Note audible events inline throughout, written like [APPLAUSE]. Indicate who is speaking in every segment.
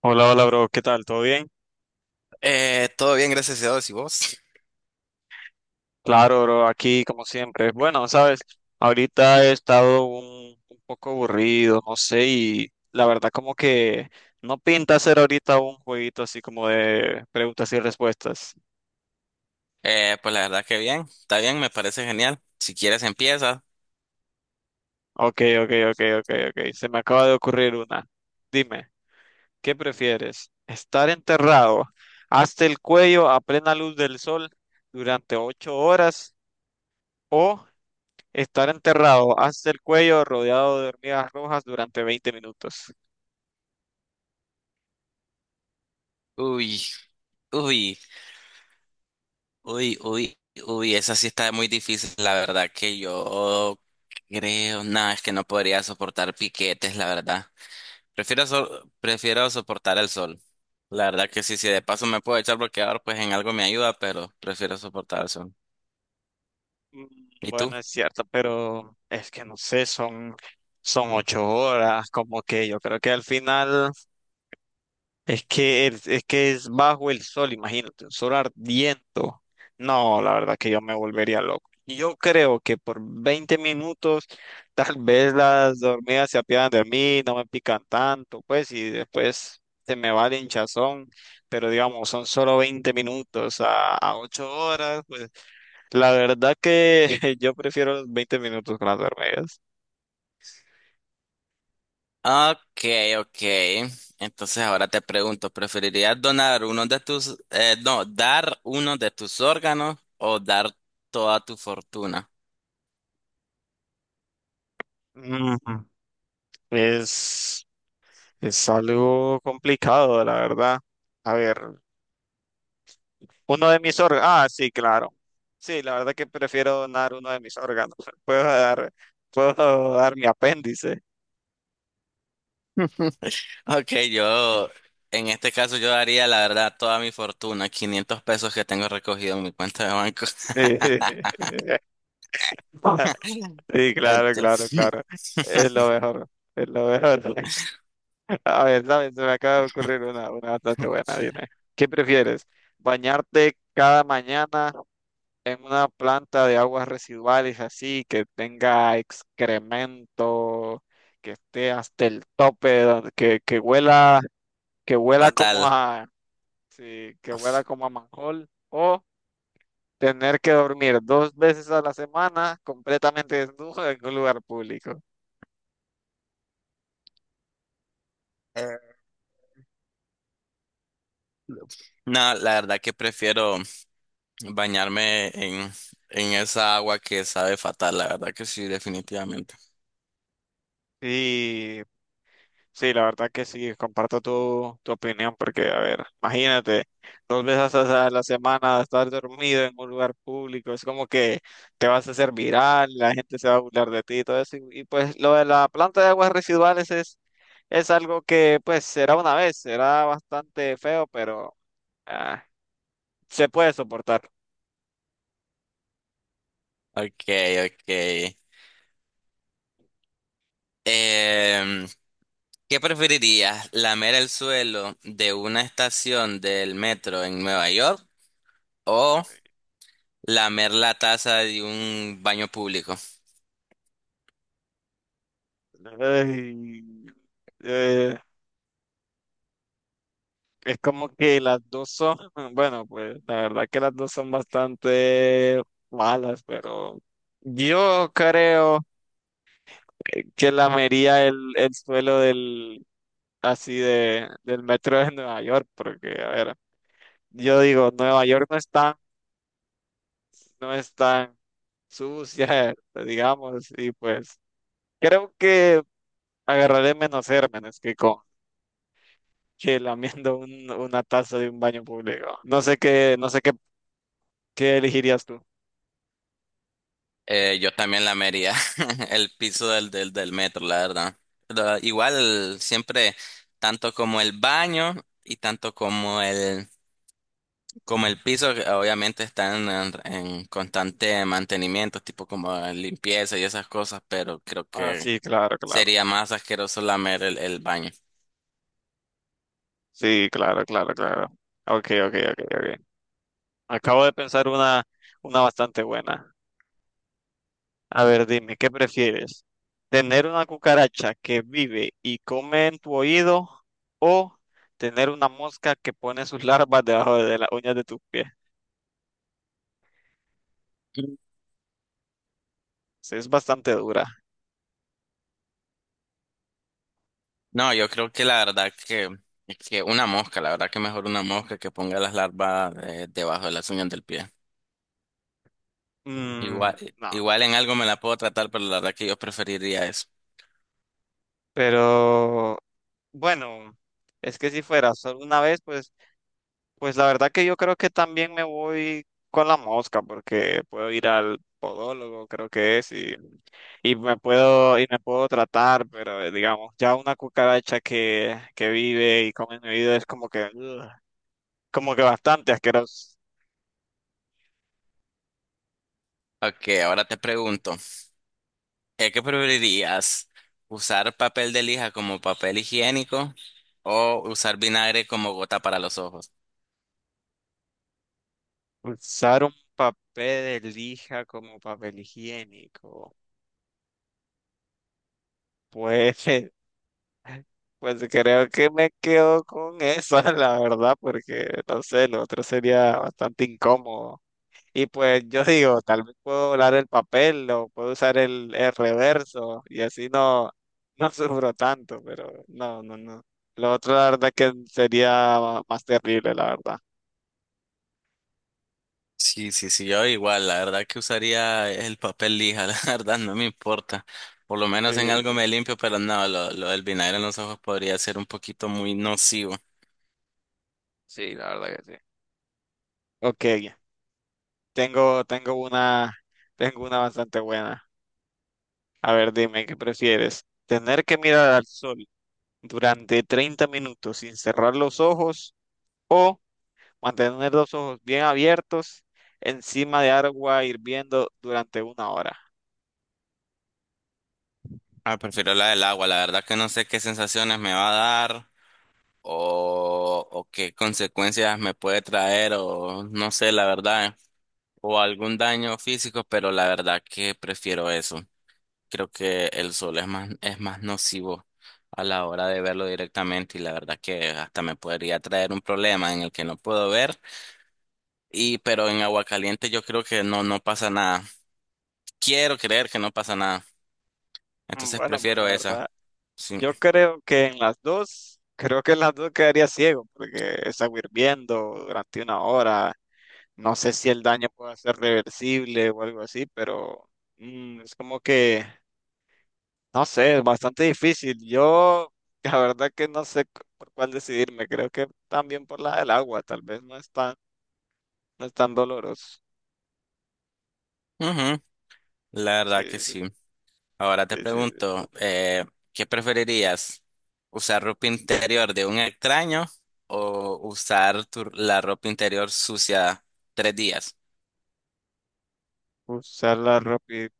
Speaker 1: Hola, hola, bro, ¿qué tal? ¿Todo bien?
Speaker 2: Todo bien, gracias a Dios. ¿Y vos?
Speaker 1: Claro, bro, aquí como siempre. Bueno, sabes, ahorita he estado un poco aburrido, no sé, y la verdad como que no pinta hacer ahorita un jueguito así como de preguntas y respuestas.
Speaker 2: Pues la verdad que bien, está bien, me parece genial. Si quieres empieza.
Speaker 1: Ok, ok, ok, ok, ok. Se me acaba de ocurrir una. Dime, ¿qué prefieres? ¿Estar enterrado hasta el cuello a plena luz del sol durante ocho horas, o estar enterrado hasta el cuello rodeado de hormigas rojas durante 20 minutos?
Speaker 2: Uy, uy, uy, uy, uy, esa sí está muy difícil. La verdad que yo creo, nada, es que no podría soportar piquetes, la verdad. Prefiero soportar el sol. La verdad que sí, si de paso me puedo echar bloqueador, pues en algo me ayuda, pero prefiero soportar el sol.
Speaker 1: Mm,
Speaker 2: ¿Y tú?
Speaker 1: Bueno, es cierto, pero es que no sé, son ocho horas, como que yo creo que al final... Es que es que es bajo el sol, imagínate, un sol ardiendo. No, la verdad que yo me volvería loco. Yo creo que por 20 minutos tal vez las hormigas se apiadan de mí, no me pican tanto, pues, y después se me va el hinchazón, pero digamos, son solo 20 minutos a 8 horas, pues, la verdad que [LAUGHS] yo prefiero los 20 minutos con las hormigas.
Speaker 2: Ok, ok. Entonces ahora te pregunto, ¿preferirías donar uno de tus, no, dar uno de tus órganos o dar toda tu fortuna? [LAUGHS]
Speaker 1: Ujú. Es, es algo complicado, la verdad. A ver. Uno de mis órganos. Ah, sí, claro. Sí, la verdad que prefiero donar uno de mis órganos. [LAUGHS] Puedo dar, puedo dar mi apéndice.
Speaker 2: Ok,
Speaker 1: Sí,
Speaker 2: yo, en este caso yo daría la verdad toda mi fortuna, 500 pesos que tengo recogido en mi cuenta de banco.
Speaker 1: [LAUGHS]
Speaker 2: [LAUGHS]
Speaker 1: sí, claro, claro,
Speaker 2: Entonces,
Speaker 1: claro.
Speaker 2: [LAUGHS]
Speaker 1: Es lo mejor. Es lo mejor. [LAUGHS] A ver, ¿sabes? Se me acaba de ocurrir una bastante buena. Dime. ¿Qué prefieres? ¿Bañarte cada mañana en una planta de aguas residuales así, que tenga excremento, que esté hasta el tope, que huela? Que huela como
Speaker 2: fatal.
Speaker 1: a... sí, que huela como a manjol, o tener que dormir dos veces a la semana completamente desnudo en un lugar público.
Speaker 2: Eh, No, la verdad que prefiero bañarme en esa agua que sabe fatal, la verdad que sí, definitivamente.
Speaker 1: Y sí, la verdad que sí, comparto tu opinión, porque, a ver, imagínate, dos veces a la semana estar dormido en un lugar público, es como que te vas a hacer viral, la gente se va a burlar de ti y todo eso. Y pues lo de la planta de aguas residuales es algo que pues será una vez, será bastante feo, pero... ah, se puede soportar.
Speaker 2: Ok, ok. Em, ¿Qué preferirías? ¿Lamer el suelo de una estación del metro en Nueva York o lamer la taza de un baño público?
Speaker 1: Ay, eh, es como que las dos son, [LAUGHS] bueno, pues la verdad que las dos son bastante malas, pero yo creo que lamería el suelo del, así de, del metro de Nueva York, porque, a ver, yo digo, Nueva York no es tan, no es tan sucia, [LAUGHS] digamos, y pues creo que agarraré menos gérmenes que con que lamiendo una taza de un baño público. No sé qué, no sé qué, qué elegirías tú.
Speaker 2: Yo también lamería [LAUGHS] el piso del metro, la verdad. Igual siempre, tanto como el baño y tanto como el piso, que obviamente están en constante mantenimiento, tipo como limpieza y esas cosas, pero creo
Speaker 1: Ah,
Speaker 2: que
Speaker 1: sí, claro, claro.
Speaker 2: sería más asqueroso lamer el baño.
Speaker 1: Sí, claro, claro, claro. Ok, ok, ok, ok. Acabo de pensar una bastante buena. A ver, dime, ¿qué prefieres? ¿Tener una cucaracha que vive y come en tu oído, o tener una mosca que pone sus larvas debajo de las uñas de tus pies?
Speaker 2: Mm.
Speaker 1: Sí, es bastante dura.
Speaker 2: No, yo creo que la verdad que una mosca, la verdad que mejor una mosca que ponga las larvas debajo de las uñas del pie.
Speaker 1: Mm,
Speaker 2: Igual,
Speaker 1: no,
Speaker 2: igual en algo me la puedo tratar, pero la verdad que yo preferiría eso.
Speaker 1: pero... Bueno, es que si fuera solo una vez, pues, pues la verdad que yo creo que también me voy con la mosca, porque puedo ir al podólogo, creo que es, y me puedo tratar, pero digamos, ya una cucaracha que vive y come en mi vida es como que, ugh, como que bastante asqueroso.
Speaker 2: Ok, ahora te pregunto, ¿qué preferirías? ¿Usar papel de lija como papel higiénico o usar vinagre como gota para los ojos?
Speaker 1: Usar un papel de lija como papel higiénico. Pues [LAUGHS] pues creo que me quedo con esa, [LAUGHS] la verdad, porque no sé, lo otro sería bastante incómodo. Y pues yo digo, tal vez puedo volar el papel o puedo usar el reverso y así no, [LAUGHS] no sufro tanto, pero no, no, no. Lo otro, la verdad, que sería más terrible, la verdad.
Speaker 2: Sí, sí, sí, yo igual, la verdad que usaría el papel lija, [LAUGHS] la verdad no me importa. Por lo menos en
Speaker 1: Sí,
Speaker 2: algo
Speaker 1: sí,
Speaker 2: me limpio, pero no, lo del vinagre en los ojos podría ser un poquito muy nocivo.
Speaker 1: sí, la verdad que sí. Ok, tengo, tengo una bastante buena. A ver, dime, ¿qué prefieres? ¿Tener que mirar al sol durante 30 minutos sin cerrar los ojos, o mantener los ojos bien abiertos encima de agua hirviendo durante una hora?
Speaker 2: Ah, prefiero la del agua, la verdad que no sé qué sensaciones me va a dar o qué consecuencias me puede traer o no sé, la verdad, o algún daño físico, pero la verdad que prefiero eso. Creo que el sol es más nocivo a la hora de verlo directamente y la verdad que hasta me podría traer un problema en el que no puedo ver. Y pero en agua caliente yo creo que no, no pasa nada. Quiero creer que no pasa nada. Entonces
Speaker 1: Bueno, pues
Speaker 2: prefiero
Speaker 1: la
Speaker 2: esa.
Speaker 1: verdad,
Speaker 2: Sí.
Speaker 1: yo creo que en las dos, creo que en las dos quedaría ciego porque es agua hirviendo durante una hora. No sé si el daño puede ser reversible o algo así, pero... mm, es como que... No sé, es bastante difícil. Yo, [LAUGHS] la verdad que no sé por cuál decidirme. Creo que también por la del agua, tal vez no es tan, no es tan doloroso.
Speaker 2: Ujú, la verdad que
Speaker 1: Sí, sí,
Speaker 2: sí. Ahora te
Speaker 1: sí, sí, sí.
Speaker 2: pregunto, ¿qué preferirías? ¿Usar ropa interior de un extraño o usar tu- la ropa interior sucia 3 días?
Speaker 1: Usarla rápido.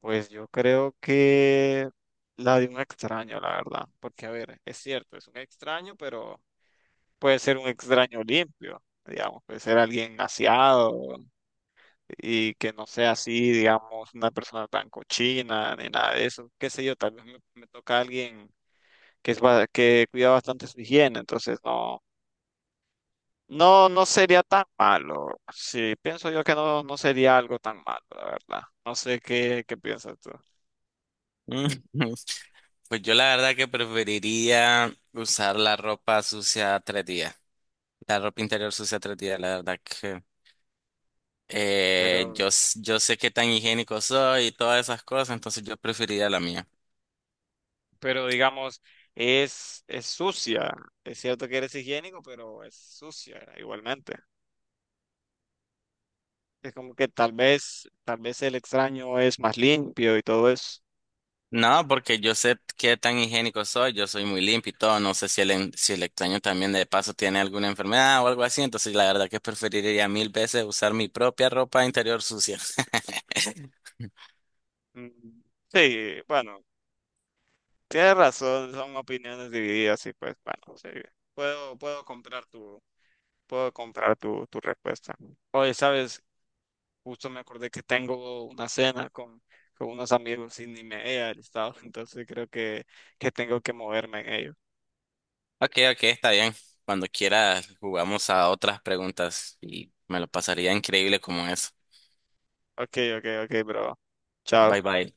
Speaker 1: Pues yo creo que la de un extraño, la verdad. Porque, a ver, es cierto, es un extraño, pero puede ser un extraño limpio, digamos. Puede ser alguien aseado y que no sea así, digamos, una persona tan cochina ni nada de eso. Qué sé yo, tal vez me toca a alguien que, que cuida bastante su higiene, entonces no, no, no sería tan malo. Sí, pienso yo que no, no sería algo tan malo, la verdad. No sé qué, qué piensas tú.
Speaker 2: [LAUGHS] Pues yo la verdad que preferiría usar la ropa sucia 3 días, la ropa interior sucia tres días, la verdad que
Speaker 1: Pero,
Speaker 2: yo, s- yo sé qué tan higiénico soy y todas esas cosas, entonces yo preferiría la mía.
Speaker 1: pero digamos, es sucia. Es cierto que eres higiénico, pero es sucia igualmente. Es como que tal vez el extraño es más limpio y todo eso.
Speaker 2: No, porque yo sé qué tan higiénico soy, yo soy muy limpio y todo, no sé si si el extraño también de paso tiene alguna enfermedad o algo así, entonces la verdad que preferiría 1.000 veces usar mi propia ropa interior sucia. [LAUGHS]
Speaker 1: Mm, sí, bueno, tienes razón, son opiniones divididas y pues bueno, sí, puedo, puedo comprar tu, puedo comprar tu respuesta. Oye, sabes, justo me acordé que tengo una cena con unos amigos y ni me he alistado, [LAUGHS] entonces creo que tengo que moverme en ello.
Speaker 2: Ok, ok, está bien. Cuando quieras jugamos a otras preguntas y me lo pasaría increíble como eso.
Speaker 1: Ok, ok, ok, bro.
Speaker 2: Bye
Speaker 1: Chao.
Speaker 2: bye.